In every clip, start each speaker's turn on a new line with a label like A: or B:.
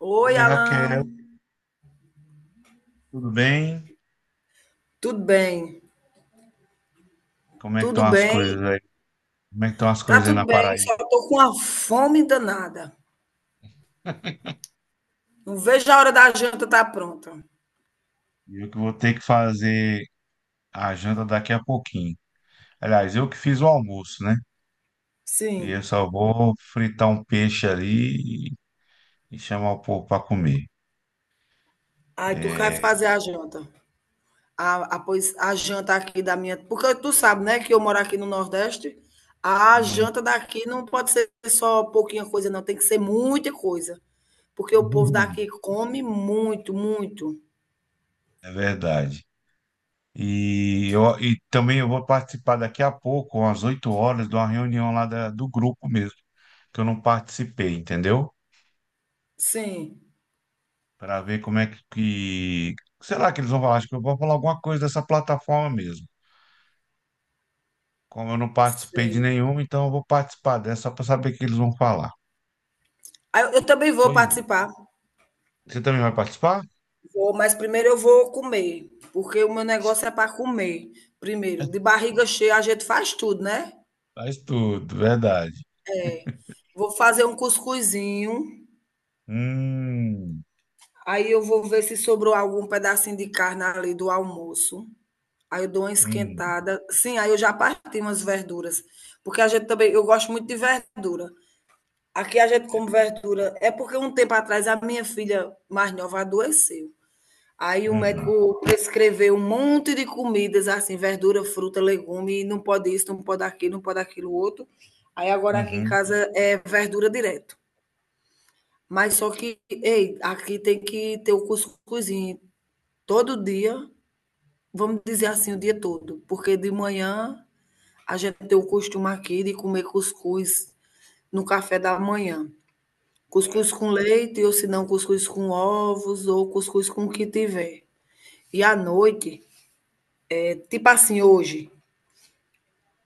A: Oi,
B: Oi,
A: Alan.
B: Raquel, tudo bem?
A: Tudo bem?
B: Como é que estão
A: Tudo
B: as
A: bem?
B: coisas aí? Como é que estão as
A: Tá
B: coisas aí
A: tudo
B: na
A: bem, só
B: Paraíba?
A: tô com uma fome danada. Não vejo a hora da janta estar pronta.
B: E eu que vou ter que fazer a janta daqui a pouquinho. Aliás, eu que fiz o almoço, né? E eu
A: Sim.
B: só vou fritar um peixe ali e chamar o povo para comer.
A: Aí tu quer
B: É,
A: fazer a janta. Pois, a janta aqui da minha. Porque tu sabe, né, que eu moro aqui no Nordeste. A
B: sim.
A: janta daqui não pode ser só pouquinha coisa, não. Tem que ser muita coisa. Porque o povo daqui come muito, muito.
B: É verdade. E também eu vou participar daqui a pouco, às 8 horas, de uma reunião lá do grupo mesmo, que eu não participei, entendeu?
A: Sim,
B: Para ver como é que- Será que eles vão falar? Acho que eu vou falar alguma coisa dessa plataforma mesmo. Como eu não participei de
A: sei.
B: nenhuma, então eu vou participar dessa só para saber o que eles vão falar.
A: Aí eu também vou
B: Pois,
A: participar.
B: você também vai participar?
A: Vou, mas primeiro eu vou comer, porque o meu negócio é para comer. Primeiro, de barriga cheia a gente faz tudo, né?
B: Faz tudo, verdade.
A: Vou fazer um cuscuzinho,
B: Hum,
A: aí eu vou ver se sobrou algum pedacinho de carne ali do almoço. Aí eu dou uma
B: hum,
A: esquentada. Sim, aí eu já parti umas verduras, porque a gente também, eu gosto muito de verdura. Aqui a gente
B: é,
A: come verdura. É porque um tempo atrás a minha filha mais nova adoeceu. Aí o
B: uhum,
A: médico prescreveu um monte de comidas, assim, verdura, fruta, legume, não pode isso, não pode aquilo, não pode aquilo outro. Aí agora aqui em
B: uhum,
A: casa é verdura direto. Mas só que, ei, aqui tem que ter o cuscuzinho todo dia, vamos dizer assim, o dia todo. Porque de manhã a gente tem o costume aqui de comer cuscuz no café da manhã. Cuscuz com leite, ou se não, cuscuz com ovos, ou cuscuz com o que tiver. E à noite, tipo assim, hoje,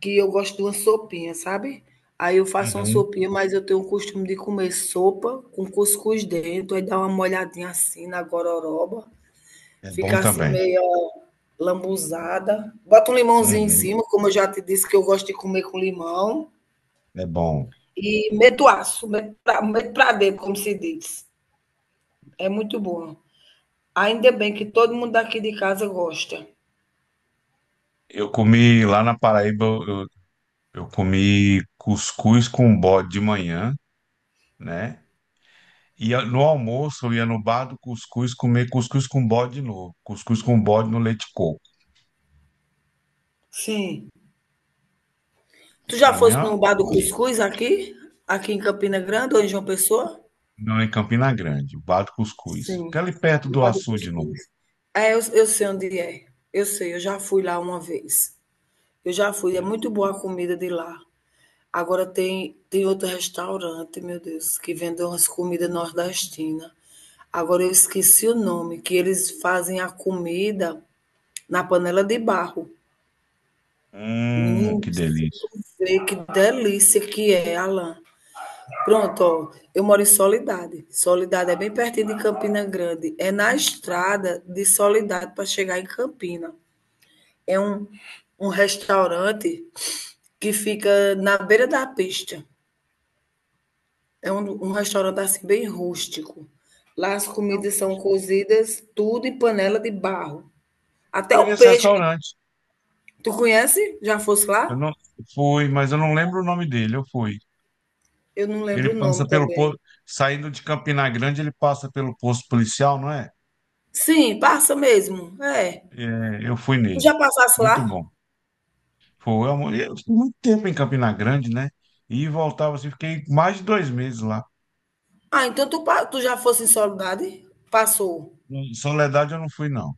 A: que eu gosto de uma sopinha, sabe? Aí eu faço uma
B: uhum.
A: sopinha, mas eu tenho o costume de comer sopa com cuscuz dentro, aí dá uma molhadinha assim na gororoba,
B: É bom
A: fica assim
B: também.
A: meio lambuzada. Bota um limãozinho em
B: Uhum,
A: cima, como eu já te disse que eu gosto de comer com limão,
B: é bom.
A: e meto aço, meto pra dentro, como se diz. É muito bom. Ainda bem que todo mundo daqui de casa gosta.
B: Eu comi lá na Paraíba, eu comi cuscuz com bode de manhã, né? Ia no almoço, eu ia no bar do cuscuz comer cuscuz com bode novo. Cuscuz com bode no leite de coco.
A: Sim. Tu já
B: Para mim,
A: foste
B: ó,
A: no bar do cuscuz aqui? Aqui em Campina Grande ou em João Pessoa?
B: não em Campina Grande, o bar do cuscuz. Fica
A: Sim,
B: ali perto do
A: Bar do
B: açude novo.
A: Cuscuz. Eu sei onde é. Eu sei, eu já fui lá uma vez. Eu já fui, é
B: É.
A: muito boa a comida de lá. Agora tem outro restaurante, meu Deus, que vende umas comidas nordestinas. Agora eu esqueci o nome, que eles fazem a comida na panela de barro. Menino,
B: Que
A: se
B: delícia.
A: tu vê que delícia que é, Alan. Pronto, ó, eu moro em Soledade. Soledade é bem pertinho de Campina Grande. É na estrada de Soledade para chegar em Campina. É um restaurante que fica na beira da pista. É um restaurante assim bem rústico. Lá as
B: Eu
A: comidas são cozidas tudo em panela de barro. Até
B: fui
A: o
B: nesse
A: peixe que
B: restaurante.
A: tu conhece, já fosse
B: Eu
A: lá?
B: não fui, mas eu não lembro o nome dele. Eu fui.
A: Eu não
B: Ele
A: lembro o
B: passa
A: nome
B: pelo
A: também.
B: posto, saindo de Campina Grande, ele passa pelo posto policial, não é?
A: Sim, passa mesmo. É.
B: É, eu fui
A: Tu
B: nele.
A: já passasse
B: Muito
A: lá?
B: bom. Foi, amor. Eu fiquei muito tempo em Campina Grande, né? E voltava assim, fiquei mais de 2 meses lá.
A: Ah, então tu, tu já fosse em Soledade? Passou.
B: Em Soledade eu não fui, não.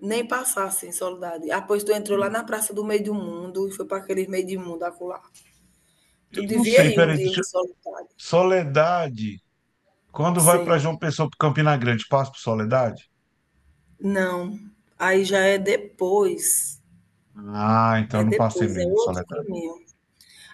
A: Nem passasse em Soledade. Ah, pois tu entrou lá na Praça do Meio do Mundo e foi para aquele meio do mundo acolá.
B: Eu
A: Tu
B: não
A: devia
B: sei,
A: ir um
B: peraí,
A: dia em
B: deixa eu...
A: Soledade.
B: Soledade. Quando vai para
A: Sim.
B: João Pessoa, para Campina Grande, passa por Soledade?
A: Não. Aí já é depois.
B: Ah, então
A: É
B: não passei
A: depois, é
B: mesmo em
A: outro
B: Soledade.
A: caminho.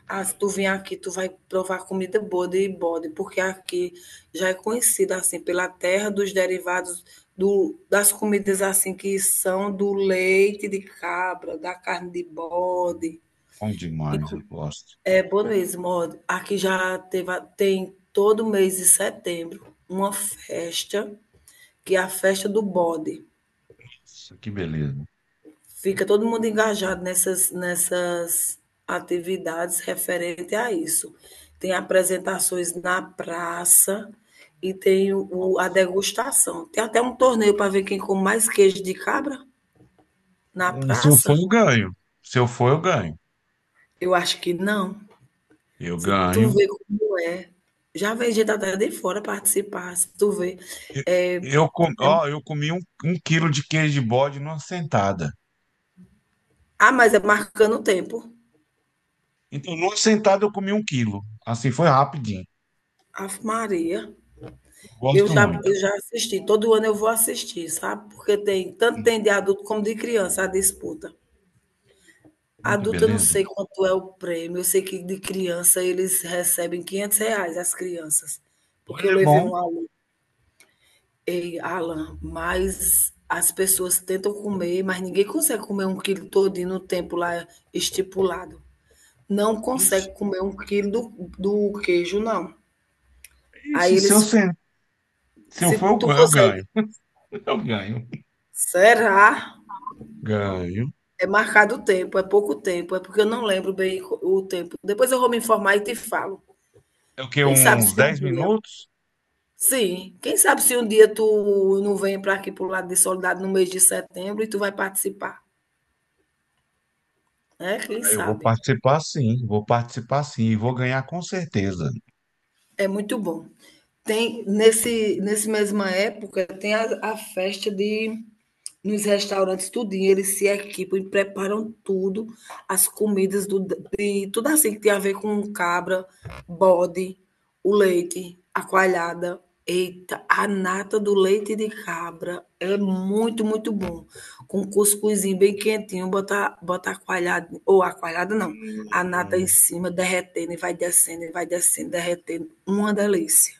A: Ah, se tu vier aqui, tu vai provar comida boa de bode, porque aqui já é conhecida assim pela terra dos derivados do, das comidas assim que são do leite de cabra, da carne de bode.
B: Bom demais, eu
A: Inclu-
B: gosto.
A: É Bonoês, modo. Aqui já teve, tem todo mês de setembro uma festa, que é a festa do bode.
B: Nossa, que beleza.
A: Fica todo mundo engajado nessas atividades referente a isso. Tem apresentações na praça e tem a degustação. Tem até um torneio para ver quem come mais queijo de cabra na
B: É, se eu for,
A: praça.
B: eu ganho. Se eu for, eu ganho.
A: Eu acho que não.
B: Eu
A: Se tu
B: ganho.
A: vê como é. Já vem gente até de fora participar, se tu vê.
B: Eu, ó, eu comi um quilo de queijo de bode numa sentada.
A: Ah, mas é marcando o tempo.
B: Então, numa sentada, eu comi 1 quilo. Assim, foi rapidinho.
A: Ave Maria.
B: Eu
A: Eu
B: gosto
A: já,
B: muito.
A: eu já assisti. Todo ano eu vou assistir, sabe? Porque tem tanto tem de adulto como de criança a disputa.
B: Que
A: Adulto, eu não
B: beleza.
A: sei quanto é o prêmio. Eu sei que de criança eles recebem R$ 500, as crianças. Porque
B: Olha,
A: eu
B: é
A: levei
B: bom.
A: um aluno. Ei, Alan, mas as pessoas tentam comer, mas ninguém consegue comer um quilo todinho no tempo lá estipulado. Não
B: Ixi,
A: consegue comer um quilo do queijo, não. Aí
B: ixi,
A: eles
B: se eu
A: Se
B: for,
A: tu
B: eu
A: consegue.
B: ganho. Eu ganho. Eu ganho.
A: Será?
B: Ganho.
A: É marcado o tempo, é pouco tempo, é porque eu não lembro bem o tempo. Depois eu vou me informar e te falo.
B: É o quê?
A: Quem sabe
B: Uns
A: se um
B: 10
A: dia.
B: minutos?
A: Sim, quem sabe se um dia tu não vem para aqui para o lado de Solidariedade no mês de setembro e tu vai participar, né? Quem
B: Ah, eu vou
A: sabe?
B: participar, sim. Vou participar, sim. E vou ganhar com certeza.
A: É muito bom. Tem nesse mesma época tem a festa de nos restaurantes tudinho, eles se equipam e preparam tudo, as comidas do de tudo assim que tem a ver com cabra, bode, o leite, a coalhada. Eita, a nata do leite de cabra é muito, muito bom. Com cuscuzinho bem quentinho, botar a coalhada, ou a coalhada não, a nata em
B: Hum,
A: cima, derretendo e vai descendo, derretendo. Uma delícia,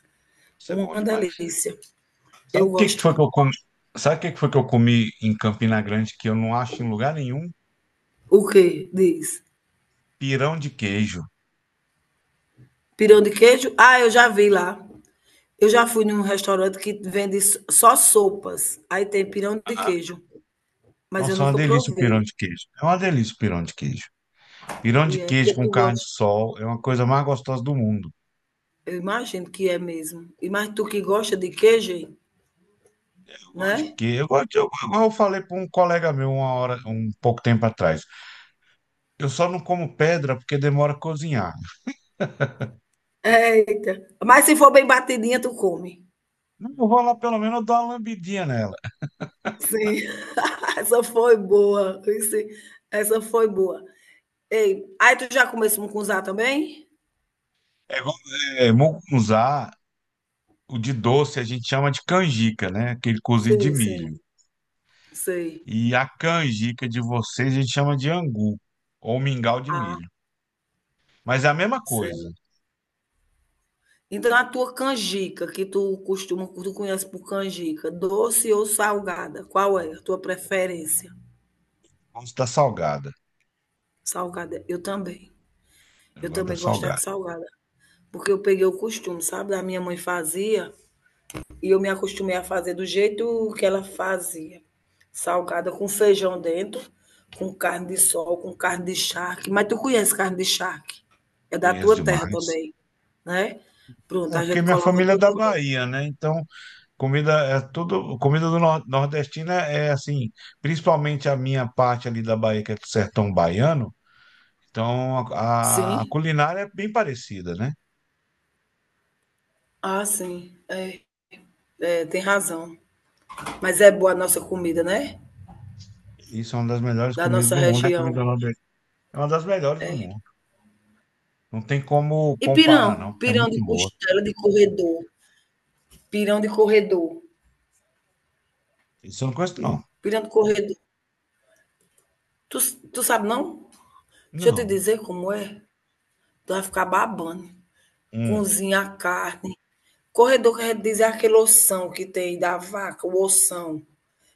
B: Isso é bom
A: uma
B: demais.
A: delícia.
B: Sabe
A: Eu
B: o que que
A: gosto.
B: foi que eu comi? Sabe o que que foi que eu comi em Campina Grande que eu não acho em lugar nenhum?
A: O que diz?
B: Pirão de queijo.
A: Pirão de queijo? Ah, eu já vi lá. Eu já fui num restaurante que vende só sopas. Aí tem pirão de
B: Aham.
A: queijo, mas eu
B: Nossa, é uma
A: nunca
B: delícia o pirão
A: provei.
B: de queijo. É uma delícia o pirão de queijo. Pirão de
A: E é
B: queijo
A: porque
B: com
A: tu
B: carne de
A: gosta.
B: sol é uma coisa mais gostosa do mundo.
A: Eu imagino que é mesmo. E mais tu que gosta de queijo, hein?
B: Eu gosto de
A: Né?
B: queijo. Eu gosto igual eu falei para um colega meu uma hora, um pouco tempo atrás. Eu só não como pedra porque demora a cozinhar.
A: Eita. Mas se for bem batidinha, tu come.
B: Não, eu vou lá pelo menos eu dou uma lambidinha nela.
A: Sim. Essa foi boa. Essa foi boa. Ei, aí tu já começou a mucunzá também?
B: É igual, é mucunzá, o de doce a gente chama de canjica, né? Aquele cozido de
A: Sim, sim.
B: milho.
A: Sei.
B: E a canjica de vocês a gente chama de angu ou mingau de
A: Ah,
B: milho. Mas é a mesma coisa.
A: sei. Então a tua canjica, que tu costuma, tu conhece por canjica, doce ou salgada? Qual é a tua preferência?
B: Gosto da salgada.
A: Salgada. Eu também.
B: Eu
A: Eu
B: gosto da
A: também gosto da
B: salgada.
A: salgada. Porque eu peguei o costume, sabe? A minha mãe fazia e eu me acostumei a fazer do jeito que ela fazia. Salgada com feijão dentro, com carne de sol, com carne de charque. Mas tu conhece carne de charque? É da
B: Conheço
A: tua terra
B: demais.
A: também, né? Pronto,
B: É
A: a
B: porque
A: gente
B: minha
A: coloca
B: família é
A: tudo
B: da
A: dentro.
B: Bahia, né? Então, comida é tudo. Comida do nordestino é assim, principalmente a minha parte ali da Bahia, que é do sertão baiano. Então, a
A: Sim?
B: culinária é bem parecida, né?
A: Ah, sim. É, tem razão. Mas é boa a nossa comida, né?
B: Isso é uma das melhores
A: Da
B: comidas
A: nossa
B: do mundo. A
A: região.
B: comida nordestina é uma das melhores do
A: É.
B: mundo. Não tem como
A: E
B: comparar, não,
A: pirão?
B: porque é
A: Pirão de
B: muito boa.
A: costela de corredor. Pirão de corredor.
B: Isso eu não conheço, não.
A: Pirão de corredor. Tu, tu sabe não? Deixa eu te
B: Não.
A: dizer como é. Tu vai ficar babando.
B: um,
A: Cozinha a carne. Corredor quer dizer aquele ossão que tem da vaca, o ossão,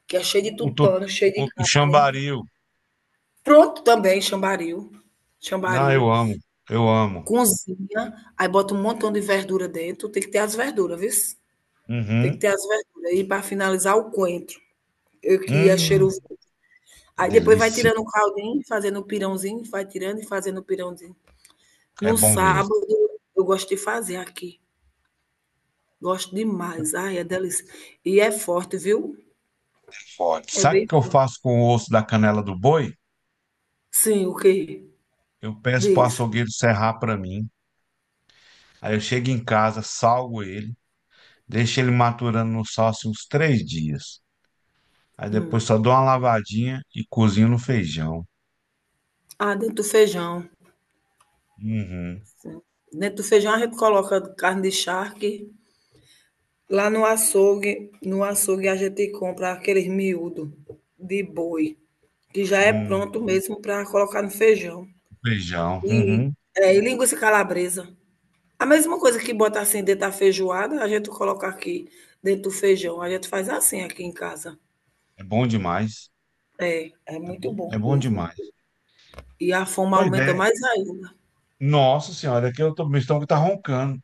A: que é cheio de
B: O, tu-
A: tutano, cheio de
B: o
A: carne.
B: chambaril.
A: Pronto também, chambaril.
B: Não,
A: Chambaril.
B: eu amo. Eu amo.
A: Cozinha, aí bota um montão de verdura dentro. Tem que ter as verduras, viu? Tem que
B: Uhum.
A: ter as verduras. E para finalizar, o coentro, que é
B: Hum,
A: cheiroso. Aí depois vai
B: delícia.
A: tirando o caldinho, fazendo o pirãozinho, vai tirando e fazendo o pirãozinho.
B: É
A: No
B: bom mesmo.
A: sábado, eu gosto de fazer aqui. Gosto demais. Ai, é delícia. E é forte, viu?
B: Pode.
A: É
B: Sabe o
A: bem
B: que eu
A: forte.
B: faço com o osso da canela do boi?
A: Sim, o quê?
B: Eu peço pro
A: Diz.
B: açougueiro serrar para mim. Aí eu chego em casa, salgo ele, deixo ele maturando no sal assim, uns 3 dias. Aí depois só dou uma lavadinha e cozinho no feijão.
A: Ah, dentro do feijão.
B: Uhum.
A: Sim. Dentro do feijão a gente coloca carne de charque. Lá no açougue, no açougue a gente compra aqueles miúdo de boi, que já é
B: Hum,
A: pronto mesmo para colocar no feijão.
B: feijão.
A: E,
B: Uhum.
A: e linguiça calabresa. A mesma coisa que bota assim dentro da feijoada, a gente coloca aqui dentro do feijão. A gente faz assim aqui em casa.
B: É bom demais.
A: É muito bom
B: É bom
A: mesmo.
B: demais.
A: E a fome
B: Pois
A: aumenta
B: é,
A: mais ainda.
B: nossa senhora, aqui eu tô, meu estômago tá roncando.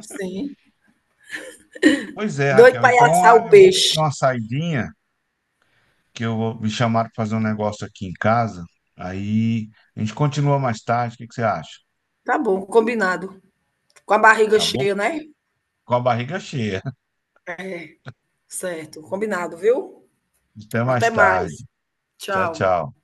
A: Sim.
B: Pois é,
A: Doido
B: Raquel,
A: para
B: então
A: assar
B: ah,
A: o
B: eu vou ter que dar
A: peixe.
B: uma saidinha, que eu vou me chamar para fazer um negócio aqui em casa. Aí a gente continua mais tarde, o que que você acha?
A: Tá bom, combinado. Com a barriga
B: Tá bom?
A: cheia, né?
B: Com a barriga cheia.
A: É, certo. Combinado, viu?
B: Até mais
A: Até
B: tarde.
A: mais.
B: Tchau,
A: Tchau.
B: tchau.